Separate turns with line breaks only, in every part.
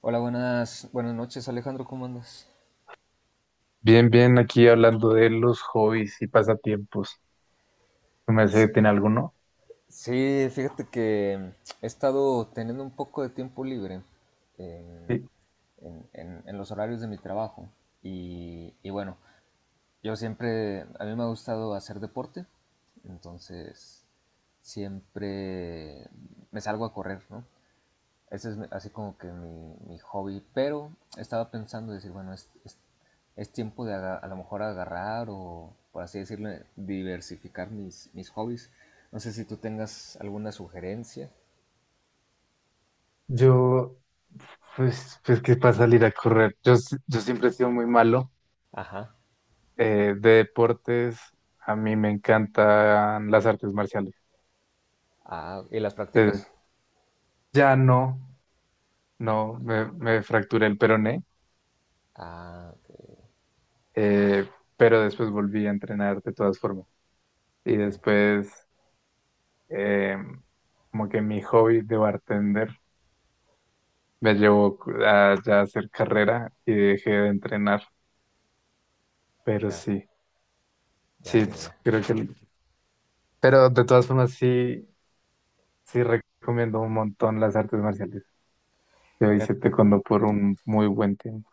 Hola, buenas, buenas noches, Alejandro, ¿cómo andas?
Bien, bien, aquí hablando de los hobbies y pasatiempos. ¿Tú me hace
Sí,
tiene alguno?
sí, fíjate que he estado teniendo un poco de tiempo libre eh,
Sí.
en los horarios de mi trabajo y bueno, yo siempre, a mí me ha gustado hacer deporte, entonces siempre me salgo a correr, ¿no? Ese es así como que mi hobby. Pero estaba pensando decir, bueno, es tiempo de a lo mejor agarrar o, por así decirlo, diversificar mis hobbies. No sé si tú tengas alguna sugerencia.
Yo, pues, que para salir a correr. Yo, yo siempre he sido muy malo,
Ajá.
de deportes, a mí me encantan las artes marciales.
Ah, ¿y las
Eh,
prácticas?
ya no, no, me fracturé el peroné,
Ah, ok,
eh, pero después volví a entrenar de todas formas. Y
ok.
después, eh, como que mi hobby de bartender me llevó a ya hacer carrera y dejé de entrenar, pero
Ya,
sí,
ya,
sí,
ya,
pues,
ya.
pero de todas formas sí, sí recomiendo un montón las artes marciales. Yo hice
Fíjate,
taekwondo por un muy buen tiempo.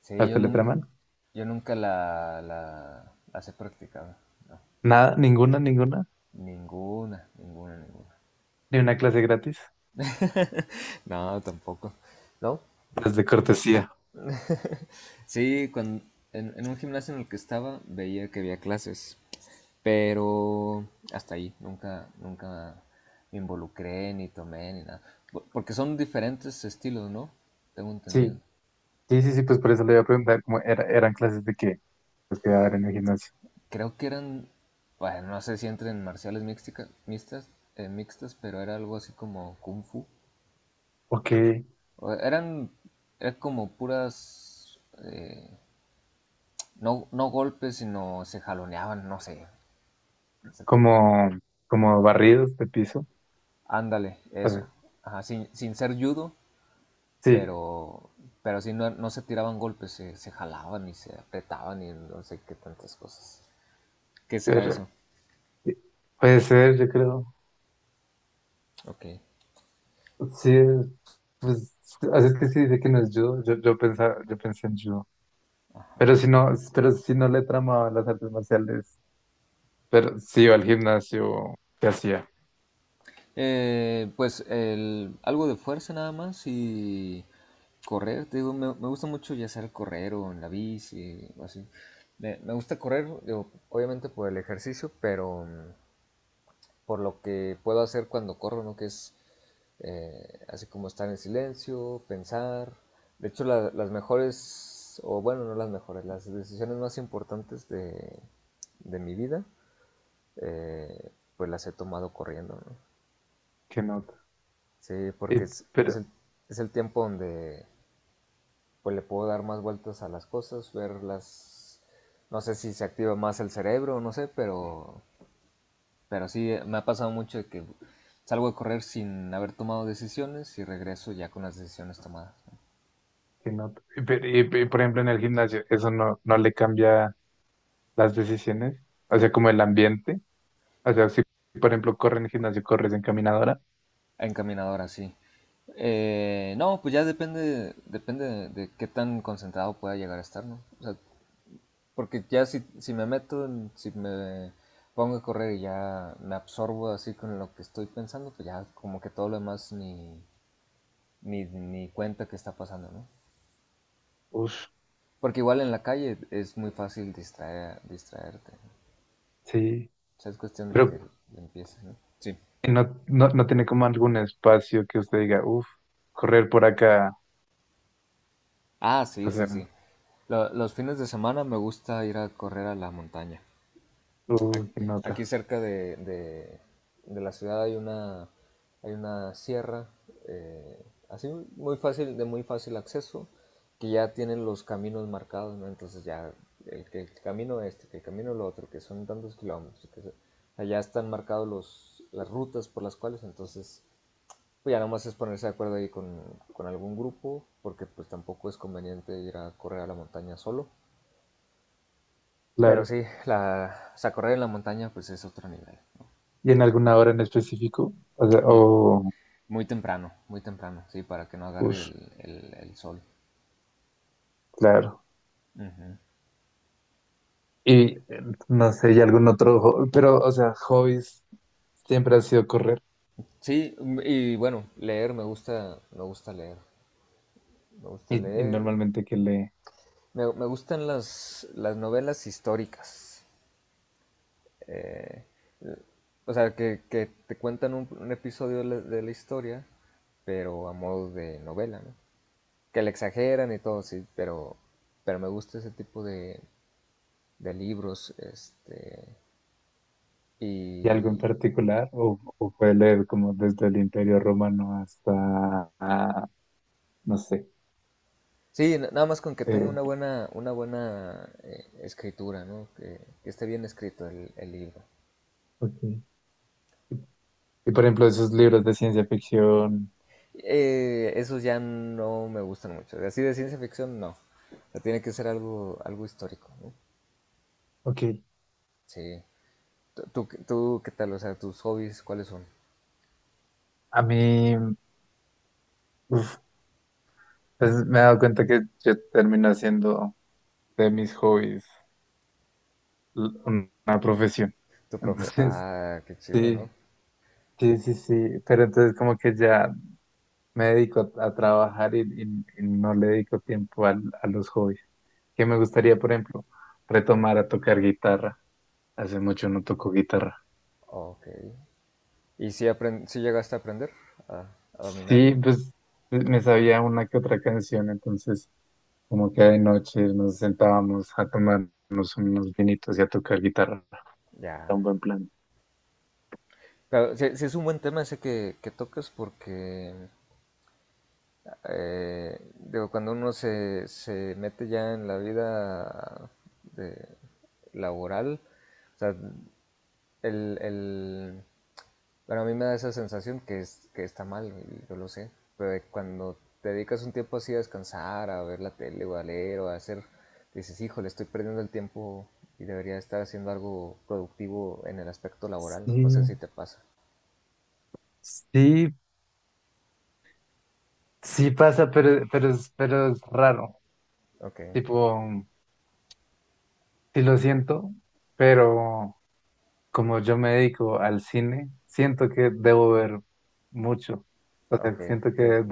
sí,
¿Hasta le traman?
yo nunca las he practicado. No,
Nada, ninguna, ninguna,
ninguna, ninguna, ninguna.
ni una clase gratis,
No, tampoco. No,
las de cortesía.
sí, en un gimnasio en el que estaba veía que había clases, pero hasta ahí, nunca, nunca me involucré, ni tomé, ni nada. Porque son diferentes estilos, ¿no? Tengo entendido.
Sí, sí, sí, sí, pues por eso le iba a preguntar cómo eran clases de qué, lo que iba a dar en el gimnasio.
Creo que eran, bueno, no sé si entran en marciales mixtas, mixtas, pero era algo así como kung fu.
Ok,
O eran, eran como puras, eh, no, no golpes, sino se jaloneaban, no sé.
como, como barridos de piso.
Ándale,
A
eso.
ver,
Ajá, sin, sin ser judo,
sí,
pero, pero sí no, no se tiraban golpes, se jalaban y se apretaban y no sé qué tantas cosas. ¿Qué será
pero-
eso?
sí, puede ser, yo creo.
Ok.
Sí, pues, así es que sí dice que no es judo, yo, pensaba, yo pensé en judo. Pero si no le tramaba las artes marciales, pero sí iba al gimnasio, ¿qué hacía?
Pues algo de fuerza nada más y correr. Te digo, me gusta mucho ya sea correr o en la bici o así. Me gusta correr, digo, obviamente por el ejercicio, pero... mm, por lo que puedo hacer cuando corro, ¿no? Que es así como estar en silencio, pensar. De hecho, las mejores, o bueno, no las mejores, las decisiones más importantes de mi vida, eh, pues las he tomado corriendo, ¿no?
¿Qué nota?
Sí,
Y,
porque es
pero,
es el tiempo donde pues le puedo dar más vueltas a las cosas, verlas, no sé si se activa más el cerebro, no sé, pero sí, me ha pasado mucho de que salgo a correr sin haber tomado decisiones y regreso ya con las decisiones tomadas, ¿no?
¿qué nota? Y, por ejemplo, en el gimnasio, ¿eso no, no le cambia las decisiones? O sea, como el ambiente. O sea, si por ejemplo corre en el gimnasio, corres en caminadora.
Encaminadora, sí. No, pues ya depende, depende de qué tan concentrado pueda llegar a estar, ¿no? O sea, porque ya si, si me meto, si me pongo a correr y ya me absorbo así con lo que estoy pensando, pues ya como que todo lo demás ni, ni, ni cuenta que está pasando, ¿no?
Uf,
Porque igual en la calle es muy fácil distraer, distraerte, ¿no?
sí.
O sea, es cuestión de
Pero
que le empieces, ¿no? Sí.
no, no, no tiene como algún espacio que usted diga, uf, correr por acá,
Ah, sí, sí,
hacer
sí. Los fines de semana me gusta ir a correr a la montaña.
uy,
Ac-
qué nota,
Aquí cerca de, de la ciudad hay una sierra, así muy fácil, de muy fácil acceso, que ya tienen los caminos marcados, ¿no? Entonces ya que el camino este, que el camino lo otro, que son tantos kilómetros, allá están marcados las rutas por las cuales, entonces pues ya nomás es ponerse de acuerdo ahí con algún grupo, porque pues tampoco es conveniente ir a correr a la montaña solo. Pero
claro.
sí, o sea, correr en la montaña pues es otro nivel, ¿no?
¿Y en alguna hora en específico? O sea,
Muy,
o,
muy temprano, sí, para que no agarre
ush,
el sol.
claro.
Ujú.
Y no sé, y algún otro, pero, o sea, hobbies siempre ha sido correr.
Sí, y bueno, leer, me gusta leer, me gusta
Y
leer.
normalmente que lee,
Me gustan las novelas históricas. Eh, O sea, que te cuentan un episodio de la historia, pero a modo de novela, ¿no? Que le exageran y todo, sí, pero me gusta ese tipo de libros, este,
y algo en
y
particular, o puede leer como desde el Imperio Romano hasta, ah, no sé.
sí, nada más con que tenga
eh,
una buena escritura, ¿no? Que esté bien escrito el libro.
ok. Y por ejemplo, esos libros de ciencia ficción.
Esos ya no me gustan mucho, así de ciencia ficción no. O sea, tiene que ser algo, algo histórico, ¿no?
Ok.
Sí. Tú, ¿qué tal? O sea, tus hobbies, ¿cuáles son?
A mí, uf, pues me he dado cuenta que yo termino haciendo de mis hobbies una profesión.
Tu profe.
Entonces,
Ah, qué chido, ¿no?
sí, sí, sí, sí, pero entonces como que ya me dedico a trabajar y, y no le dedico tiempo a los hobbies. Que me gustaría, por ejemplo, retomar a tocar guitarra. Hace mucho no toco guitarra.
Ok. ¿Y si, si llegaste a aprender a, a dominarlo?
Sí, pues me sabía una que otra canción, entonces como que de noche nos sentábamos a tomarnos unos vinitos y a tocar guitarra. Era un
Ya.
buen plan.
Claro, sí, sí es un buen tema ese que tocas porque, digo, cuando uno se, se mete ya en la vida de- laboral, o sea, el, el, pero a mí me da esa sensación que, es, que está mal, y yo lo sé. Pero de cuando te dedicas un tiempo así a descansar, a ver la tele o a leer o a hacer, dices, híjole, estoy perdiendo el tiempo y debería estar haciendo algo productivo en el aspecto laboral. No sé
Sí,
si te pasa.
sí, sí pasa, pero, pero es raro.
Ok,
Tipo, sí lo siento, pero como yo me dedico al cine, siento que debo ver mucho. O
ok,
sea, siento
que,
que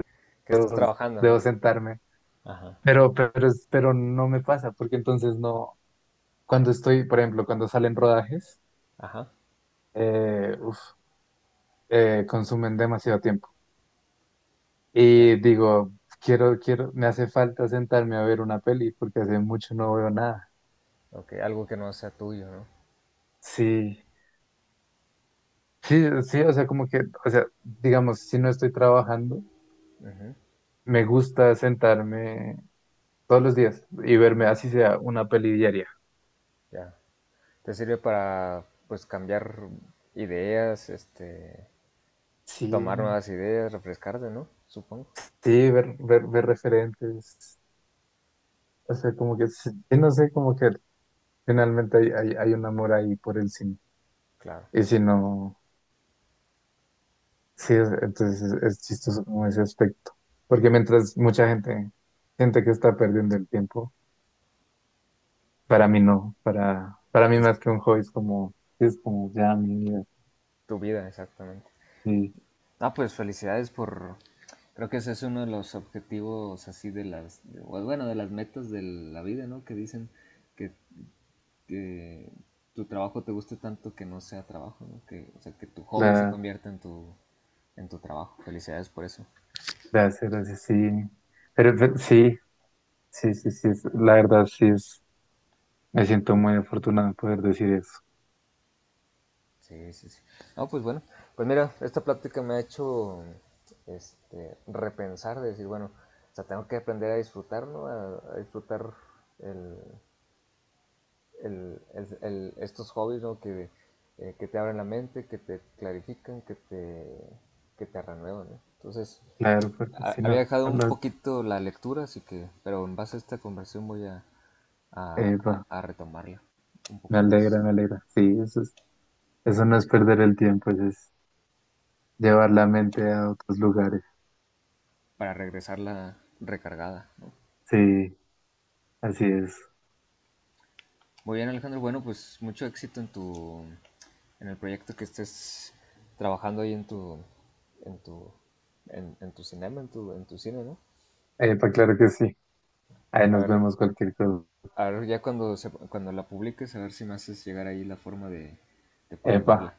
que estás trabajando, ¿no?
debo sentarme.
Ajá,
Pero, pero no me pasa, porque entonces no. Cuando estoy, por ejemplo, cuando salen rodajes,
ajá,
uf, consumen demasiado tiempo.
ya.
Y digo, quiero, quiero, me hace falta sentarme a ver una peli, porque hace mucho no veo nada.
Ok, algo que no sea tuyo, ¿no?
Sí, sí, sí, o sea, como que, o sea, digamos, si no estoy trabajando.
Ujú,
Me gusta sentarme todos los días y verme así sea una peli diaria.
ya. Te sirve para, pues, cambiar ideas, este,
Sí,
tomar nuevas ideas, refrescarte, ¿no? Supongo.
sí, ver, ver, ver referentes. O sea, como que, sí, sí, no sé, como que finalmente hay, hay, hay un amor ahí por el cine.
Claro.
Y si no, sí, entonces es chistoso como ese aspecto. Porque mientras mucha gente siente que está perdiendo el tiempo, para mí no. Para mí
Entonces,
más que un hobby es como ya mi vida.
tu vida, exactamente.
Y
Ah, pues felicidades por... Creo que ese es uno de los objetivos así de las... de- bueno, de las metas de la vida, ¿no? Que dicen que, que tu trabajo te guste tanto que no sea trabajo, ¿no? Que, o sea, que tu hobby se
la,
convierta en tu trabajo. Felicidades por eso.
de hacer así, sí. Pero sí. Sí, sí, sí, la verdad sí es, me siento muy afortunado de poder decir eso.
Sí, sí, sí. No, pues bueno, pues mira, esta plática me ha hecho este, repensar, de decir, bueno, o sea, tengo que aprender a disfrutar, ¿no? A disfrutar el, estos hobbies, ¿no? Que te abren la mente, que te clarifican, que te renuevan, ¿no? Entonces,
Claro, porque si
había
no,
dejado un
no,
poquito la lectura, así que, pero en base a esta conversación voy a,
epa,
a retomarla un
me
poco más,
alegra, me alegra. Sí, eso es, eso no es perder el tiempo, eso es llevar la mente a otros lugares.
para regresarla recargada, ¿no?
Sí, así es.
Muy bien, Alejandro. Bueno, pues mucho éxito en tu, en el proyecto que estés trabajando ahí en tu, en tu, en tu cinema, en tu cine, ¿no?
Epa, claro que sí. Ahí
A
nos
ver,
vemos cualquier cosa.
a ver ya cuando se, cuando la publiques, a ver si me haces llegar ahí la forma de poder
Epa,
verla.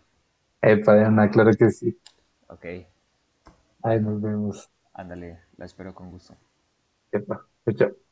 epa, Diana, claro que sí.
Ok,
Ahí
bueno,
nos vemos.
ándale, la espero con gusto.
Epa, chao. Chao.